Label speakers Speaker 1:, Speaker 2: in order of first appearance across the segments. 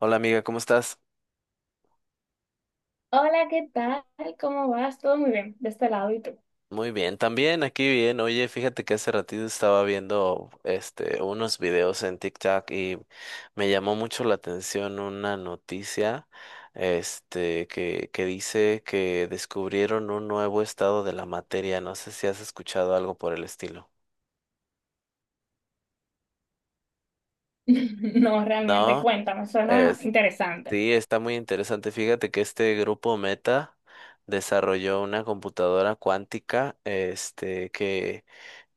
Speaker 1: Hola amiga, ¿cómo estás?
Speaker 2: Hola, ¿qué tal? ¿Cómo vas? Todo muy bien, de este lado, ¿y tú?
Speaker 1: Muy bien, también aquí bien. Oye, fíjate que hace ratito estaba viendo unos videos en TikTok y me llamó mucho la atención una noticia que dice que descubrieron un nuevo estado de la materia. No sé si has escuchado algo por el estilo.
Speaker 2: No, realmente,
Speaker 1: No,
Speaker 2: cuéntame, suena
Speaker 1: es,
Speaker 2: interesante.
Speaker 1: sí, está muy interesante. Fíjate que este grupo Meta desarrolló una computadora cuántica, que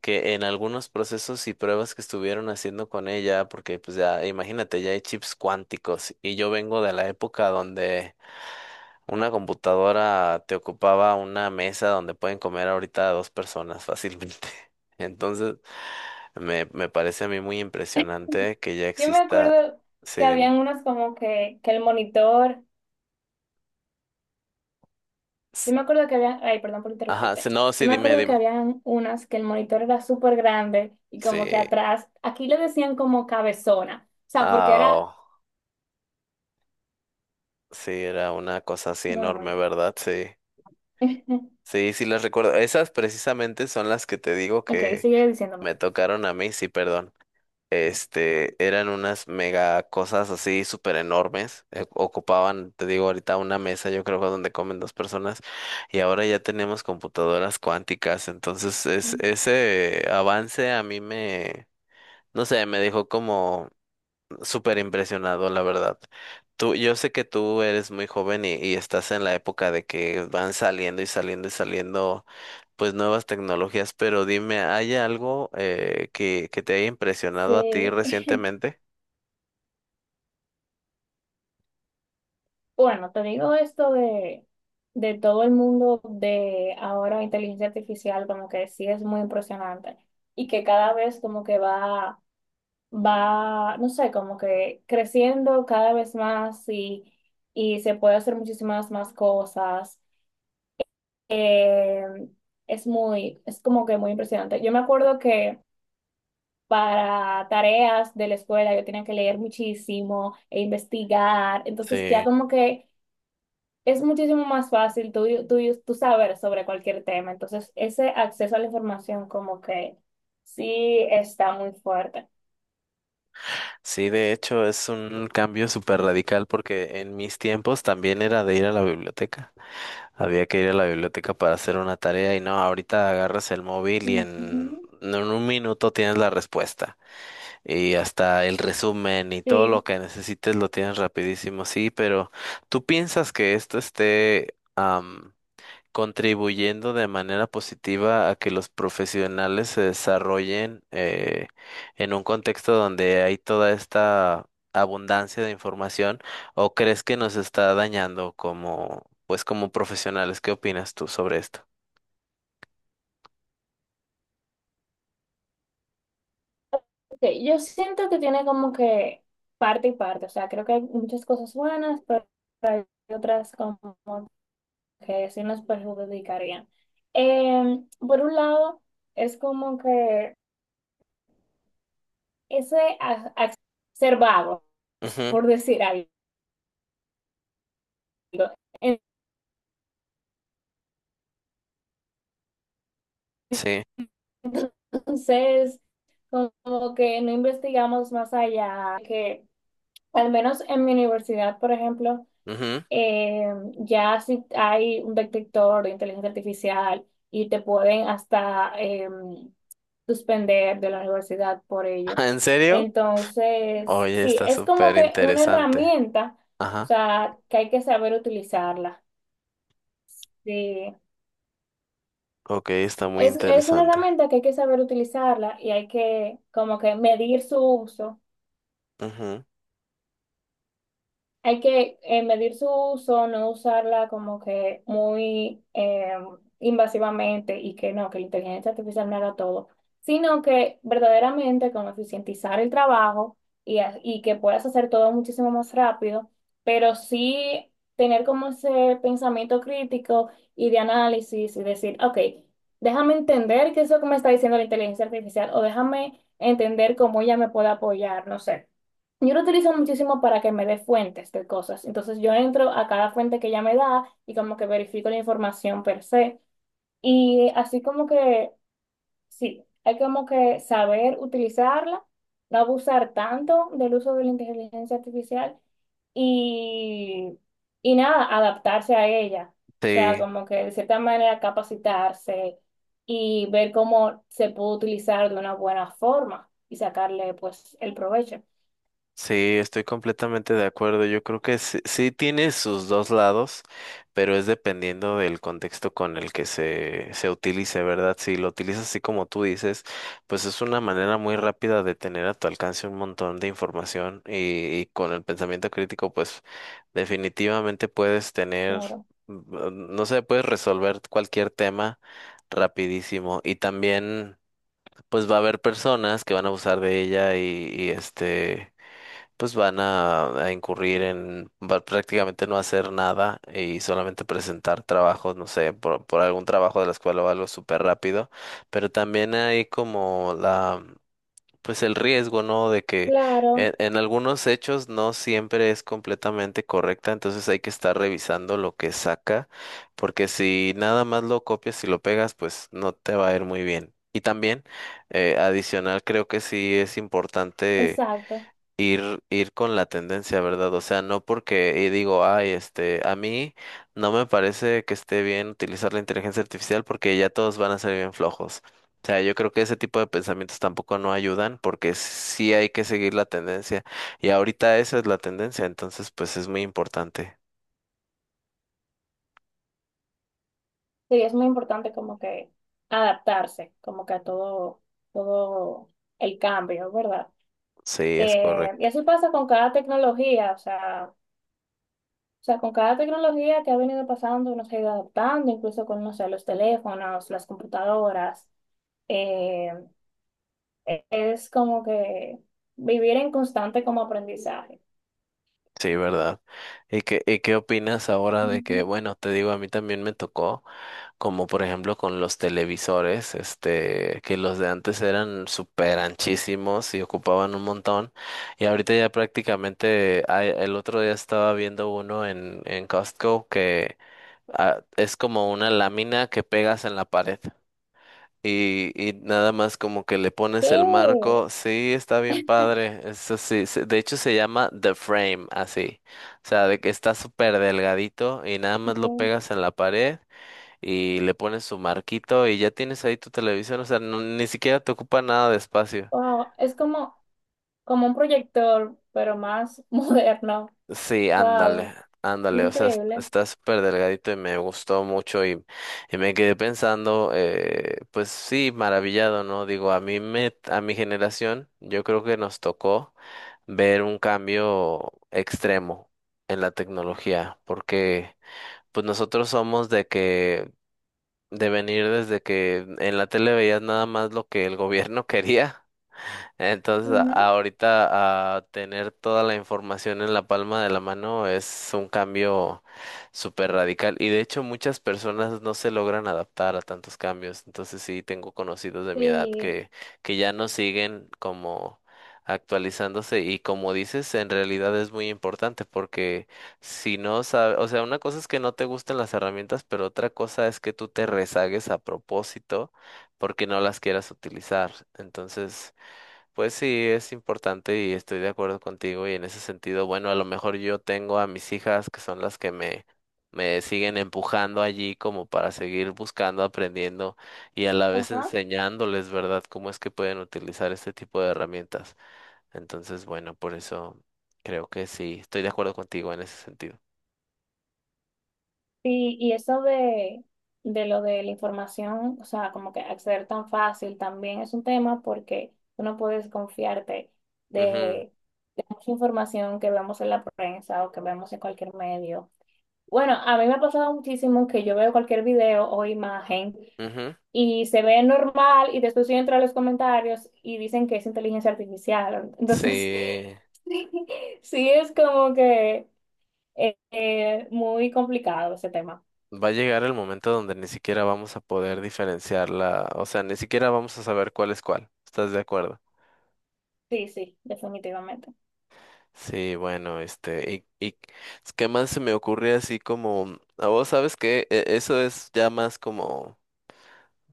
Speaker 1: que en algunos procesos y pruebas que estuvieron haciendo con ella, porque pues ya, imagínate, ya hay chips cuánticos y yo vengo de la época donde una computadora te ocupaba una mesa donde pueden comer ahorita dos personas fácilmente. Entonces, me parece a mí muy impresionante que ya
Speaker 2: Yo me
Speaker 1: exista.
Speaker 2: acuerdo
Speaker 1: Sí,
Speaker 2: que
Speaker 1: dime.
Speaker 2: habían unos como que el monitor, yo
Speaker 1: S-
Speaker 2: me acuerdo que habían, ay, perdón por
Speaker 1: Ajá, sí,
Speaker 2: interrumpirte,
Speaker 1: no,
Speaker 2: yo
Speaker 1: sí,
Speaker 2: me
Speaker 1: dime,
Speaker 2: acuerdo que
Speaker 1: dime.
Speaker 2: habían unas que el monitor era súper grande y como que
Speaker 1: Sí.
Speaker 2: atrás, aquí le decían como cabezona, o sea, porque
Speaker 1: Ah,
Speaker 2: era
Speaker 1: oh, sí, era una cosa así
Speaker 2: muy,
Speaker 1: enorme,
Speaker 2: muy
Speaker 1: ¿verdad? Sí.
Speaker 2: bien.
Speaker 1: Sí, sí las recuerdo. Esas precisamente son las que te digo
Speaker 2: Ok,
Speaker 1: que
Speaker 2: sigue diciéndome.
Speaker 1: me tocaron a mí, sí, perdón. Este, eran unas mega cosas así súper enormes. Ocupaban, te digo, ahorita una mesa, yo creo, donde comen dos personas. Y ahora ya tenemos computadoras cuánticas. Entonces, es, ese avance a mí me, no sé, me dejó como súper impresionado, la verdad. Tú, yo sé que tú eres muy joven y estás en la época de que van saliendo y saliendo y saliendo pues nuevas tecnologías, pero dime, ¿hay algo que te haya impresionado a ti
Speaker 2: Sí.
Speaker 1: recientemente?
Speaker 2: Bueno, te digo esto de todo el mundo de ahora inteligencia artificial, como que sí es muy impresionante y que cada vez como que va, va, no sé, como que creciendo cada vez más y se puede hacer muchísimas más cosas. Eh, es como que muy impresionante. Yo me acuerdo que para tareas de la escuela yo tenía que leer muchísimo e investigar, entonces ya
Speaker 1: Sí,
Speaker 2: como que es muchísimo más fácil tú saber sobre cualquier tema. Entonces, ese acceso a la información como que sí está muy fuerte.
Speaker 1: sí, de hecho es un cambio súper radical porque en mis tiempos también era de ir a la biblioteca. Había que ir a la biblioteca para hacer una tarea y no, ahorita agarras el móvil y
Speaker 2: Ujú.
Speaker 1: en un minuto tienes la respuesta y hasta el resumen y todo
Speaker 2: Sí,
Speaker 1: lo que necesites lo tienes rapidísimo. Sí, pero ¿tú piensas que esto esté contribuyendo de manera positiva a que los profesionales se desarrollen en un contexto donde hay toda esta abundancia de información o crees que nos está dañando como pues como profesionales? ¿Qué opinas tú sobre esto?
Speaker 2: ok, yo siento que tiene como que parte y parte, o sea, creo que hay muchas cosas buenas, pero hay otras como que sí nos perjudicarían. Por un lado, es como que ese ser vagos,
Speaker 1: Ujú,
Speaker 2: por decir algo.
Speaker 1: sí.
Speaker 2: Entonces, como que no investigamos más allá, que al menos en mi universidad, por ejemplo,
Speaker 1: Ujú.
Speaker 2: eh, ya si hay un detector de inteligencia artificial y te pueden hasta suspender de la universidad por ello.
Speaker 1: ¿En serio?
Speaker 2: Entonces,
Speaker 1: Oye,
Speaker 2: sí,
Speaker 1: está
Speaker 2: es como
Speaker 1: súper
Speaker 2: que una
Speaker 1: interesante.
Speaker 2: herramienta, o
Speaker 1: Ajá.
Speaker 2: sea, que hay que saber utilizarla. Sí.
Speaker 1: Ok, está muy
Speaker 2: Es una
Speaker 1: interesante.
Speaker 2: herramienta que hay que saber utilizarla y hay que como que medir su uso.
Speaker 1: Ujú.
Speaker 2: Hay que medir su uso, no usarla como que muy invasivamente y que no, que la inteligencia artificial no haga todo, sino que verdaderamente como eficientizar el trabajo y que puedas hacer todo muchísimo más rápido, pero sí tener como ese pensamiento crítico y de análisis y decir, ok, déjame entender qué es lo que me está diciendo la inteligencia artificial o déjame entender cómo ella me puede apoyar, no sé. Yo lo utilizo muchísimo para que me dé fuentes de cosas. Entonces yo entro a cada fuente que ella me da y como que verifico la información per se. Y así como que, sí, hay como que saber utilizarla, no abusar tanto del uso de la inteligencia artificial y, y nada, adaptarse a ella. O sea,
Speaker 1: Sí.
Speaker 2: como que de cierta manera capacitarse y ver cómo se puede utilizar de una buena forma y sacarle pues el provecho.
Speaker 1: Sí, estoy completamente de acuerdo. Yo creo que sí, sí tiene sus dos lados, pero es dependiendo del contexto con el que se utilice, ¿verdad? Si lo utilizas así como tú dices, pues es una manera muy rápida de tener a tu alcance un montón de información y con el pensamiento crítico, pues definitivamente puedes tener,
Speaker 2: Claro.
Speaker 1: mm, no sé, puedes resolver cualquier tema rapidísimo y también... Pues va a haber personas que van a abusar de ella y este pues van a incurrir en va- prácticamente no hacer nada y solamente presentar trabajos, no sé, por algún trabajo de la escuela o algo súper rápido, pero también hay como la, pues el riesgo, ¿no? De que
Speaker 2: Claro.
Speaker 1: en algunos hechos no siempre es completamente correcta, entonces hay que estar revisando lo que saca, porque si nada más lo copias y lo pegas, pues no te va a ir muy bien. Y también, adicional, creo que sí es importante
Speaker 2: Exacto.
Speaker 1: ir con la tendencia, ¿verdad? O sea, no porque y digo, ay, este, a mí no me parece que esté bien utilizar la inteligencia artificial porque ya todos van a ser bien flojos. O sea, yo creo que ese tipo de pensamientos tampoco no ayudan porque sí hay que seguir la tendencia. Y ahorita esa es la tendencia, entonces pues es muy importante.
Speaker 2: Sí, es muy importante como que adaptarse, como que a todo, todo el cambio, ¿verdad?
Speaker 1: Sí, es
Speaker 2: Y
Speaker 1: correcto.
Speaker 2: así pasa con cada tecnología, o sea, con cada tecnología que ha venido pasando, uno se ha ido adaptando, incluso con, no sé, los teléfonos, las computadoras. Eh, es como que vivir en constante como aprendizaje.
Speaker 1: Sí, ¿verdad? Y qué opinas ahora de que,
Speaker 2: Ujú.
Speaker 1: bueno, te digo, a mí también me tocó, como por ejemplo con los televisores, este, que los de antes eran súper anchísimos y ocupaban un montón, y ahorita ya prácticamente, hay- el otro día estaba viendo uno en Costco que ah, es como una lámina que pegas en la pared. Y nada más como que le
Speaker 2: ¿Qué?
Speaker 1: pones el marco, sí, está bien padre, eso sí, se- de hecho se llama The Frame, así, o sea, de que está súper delgadito y nada más lo
Speaker 2: Ujú.
Speaker 1: pegas en la pared y le pones su marquito y ya tienes ahí tu televisión, o sea, no- ni siquiera te ocupa nada de espacio.
Speaker 2: Wow, es como, como un proyector, pero más moderno.
Speaker 1: Sí, ándale,
Speaker 2: Wow.
Speaker 1: ándale, o sea, es-
Speaker 2: Increíble.
Speaker 1: está súper delgadito y me gustó mucho y me quedé pensando, pues sí, maravillado, ¿no? Digo, a mí me, a mi generación, yo creo que nos tocó ver un cambio extremo en la tecnología, porque pues nosotros somos de que, de venir desde que en la tele veías nada más lo que el gobierno quería. Entonces, a-
Speaker 2: Ujú.
Speaker 1: ahorita a tener toda la información en la palma de la mano es un cambio súper radical y de hecho muchas personas no se logran adaptar a tantos cambios. Entonces, sí, tengo conocidos de mi edad
Speaker 2: Y,
Speaker 1: que ya no siguen como actualizándose y como dices, en realidad es muy importante porque si no sabes, o sea, una cosa es que no te gusten las herramientas, pero otra cosa es que tú te rezagues a propósito porque no las quieras utilizar. Entonces... Pues sí, es importante y estoy de acuerdo contigo y en ese sentido, bueno, a lo mejor yo tengo a mis hijas que son las que me siguen empujando allí como para seguir buscando, aprendiendo y a la vez
Speaker 2: ajá.
Speaker 1: enseñándoles, ¿verdad?, cómo es que pueden utilizar este tipo de herramientas. Entonces, bueno, por eso creo que sí, estoy de acuerdo contigo en ese sentido.
Speaker 2: Y eso de lo de la información, o sea, como que acceder tan fácil también es un tema porque tú no puedes confiarte de, de mucha información que vemos en la prensa o que vemos en cualquier medio. Bueno, a mí me ha pasado muchísimo que yo veo cualquier video o imagen
Speaker 1: Ujú, ujú.
Speaker 2: y se ve normal y después yo entro a los comentarios y dicen que es inteligencia artificial.
Speaker 1: Sí,
Speaker 2: Entonces, sí, sí es como que... Muy complicado ese tema.
Speaker 1: va a llegar el momento donde ni siquiera vamos a poder diferenciarla, o sea, ni siquiera vamos a saber cuál es cuál. ¿Estás de acuerdo?
Speaker 2: Sí, sí, definitivamente.
Speaker 1: Sí, bueno, este, y ¿qué más se me ocurre así como, mm, a vos sabes que eso es ya más como,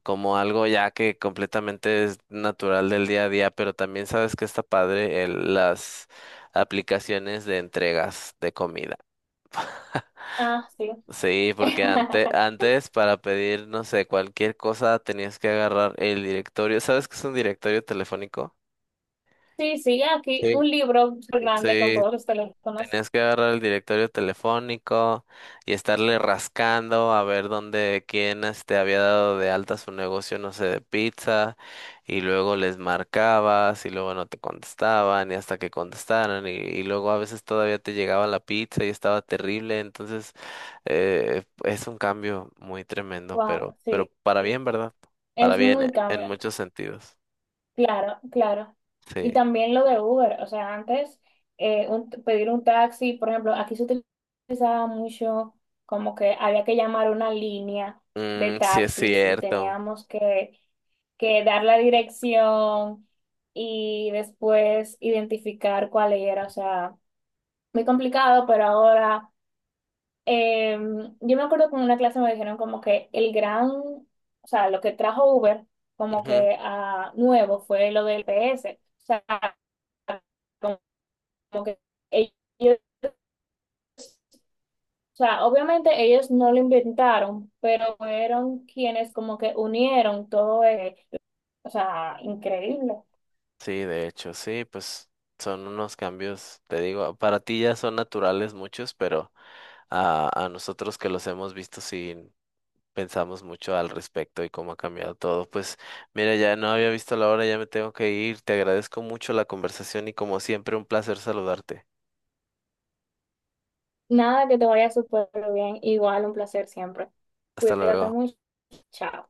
Speaker 1: como algo ya que completamente es natural del día a día, pero también sabes que está padre el, las aplicaciones de entregas de comida.
Speaker 2: Ah, sí.
Speaker 1: Sí, porque antes, antes para pedir, no sé, cualquier cosa tenías que agarrar el directorio. ¿Sabes qué es un directorio telefónico?
Speaker 2: Sí, sí, aquí
Speaker 1: Sí.
Speaker 2: un libro súper grande con
Speaker 1: Sí,
Speaker 2: todos los teléfonos.
Speaker 1: tienes que agarrar el directorio telefónico y estarle rascando a ver dónde, quién este había dado de alta su negocio, no sé, de pizza, y luego les marcabas y luego no te contestaban y hasta que contestaran y luego a veces todavía te llegaba la pizza y estaba terrible, entonces es un cambio muy tremendo,
Speaker 2: Wow,
Speaker 1: pero
Speaker 2: sí,
Speaker 1: para bien, ¿verdad? Para
Speaker 2: es
Speaker 1: bien
Speaker 2: muy cambio.
Speaker 1: en muchos sentidos.
Speaker 2: Claro, claro.
Speaker 1: Sí,
Speaker 2: Y también lo de Uber, o sea, antes pedir un taxi, por ejemplo, aquí se utilizaba mucho como que había que llamar una línea de
Speaker 1: mm, sí es
Speaker 2: taxis y
Speaker 1: cierto.
Speaker 2: teníamos que dar la dirección y después identificar cuál era. O sea, muy complicado, pero ahora eh, yo me acuerdo que en una clase me dijeron como que el gran, o sea, lo que trajo Uber como que a nuevo fue lo del GPS. O sea, como como que ellos, o sea, obviamente ellos no lo inventaron, pero fueron quienes como que unieron todo, o sea, increíble.
Speaker 1: Sí, de hecho, sí, pues son unos cambios, te digo, para ti ya son naturales muchos, pero a nosotros que los hemos visto sí pensamos mucho al respecto y cómo ha cambiado todo. Pues mira, ya no había visto la hora, ya me tengo que ir. Te agradezco mucho la conversación y como siempre un placer saludarte.
Speaker 2: Nada, que te vaya súper bien. Igual, un placer siempre.
Speaker 1: Hasta
Speaker 2: Cuídate
Speaker 1: luego.
Speaker 2: mucho. Chao.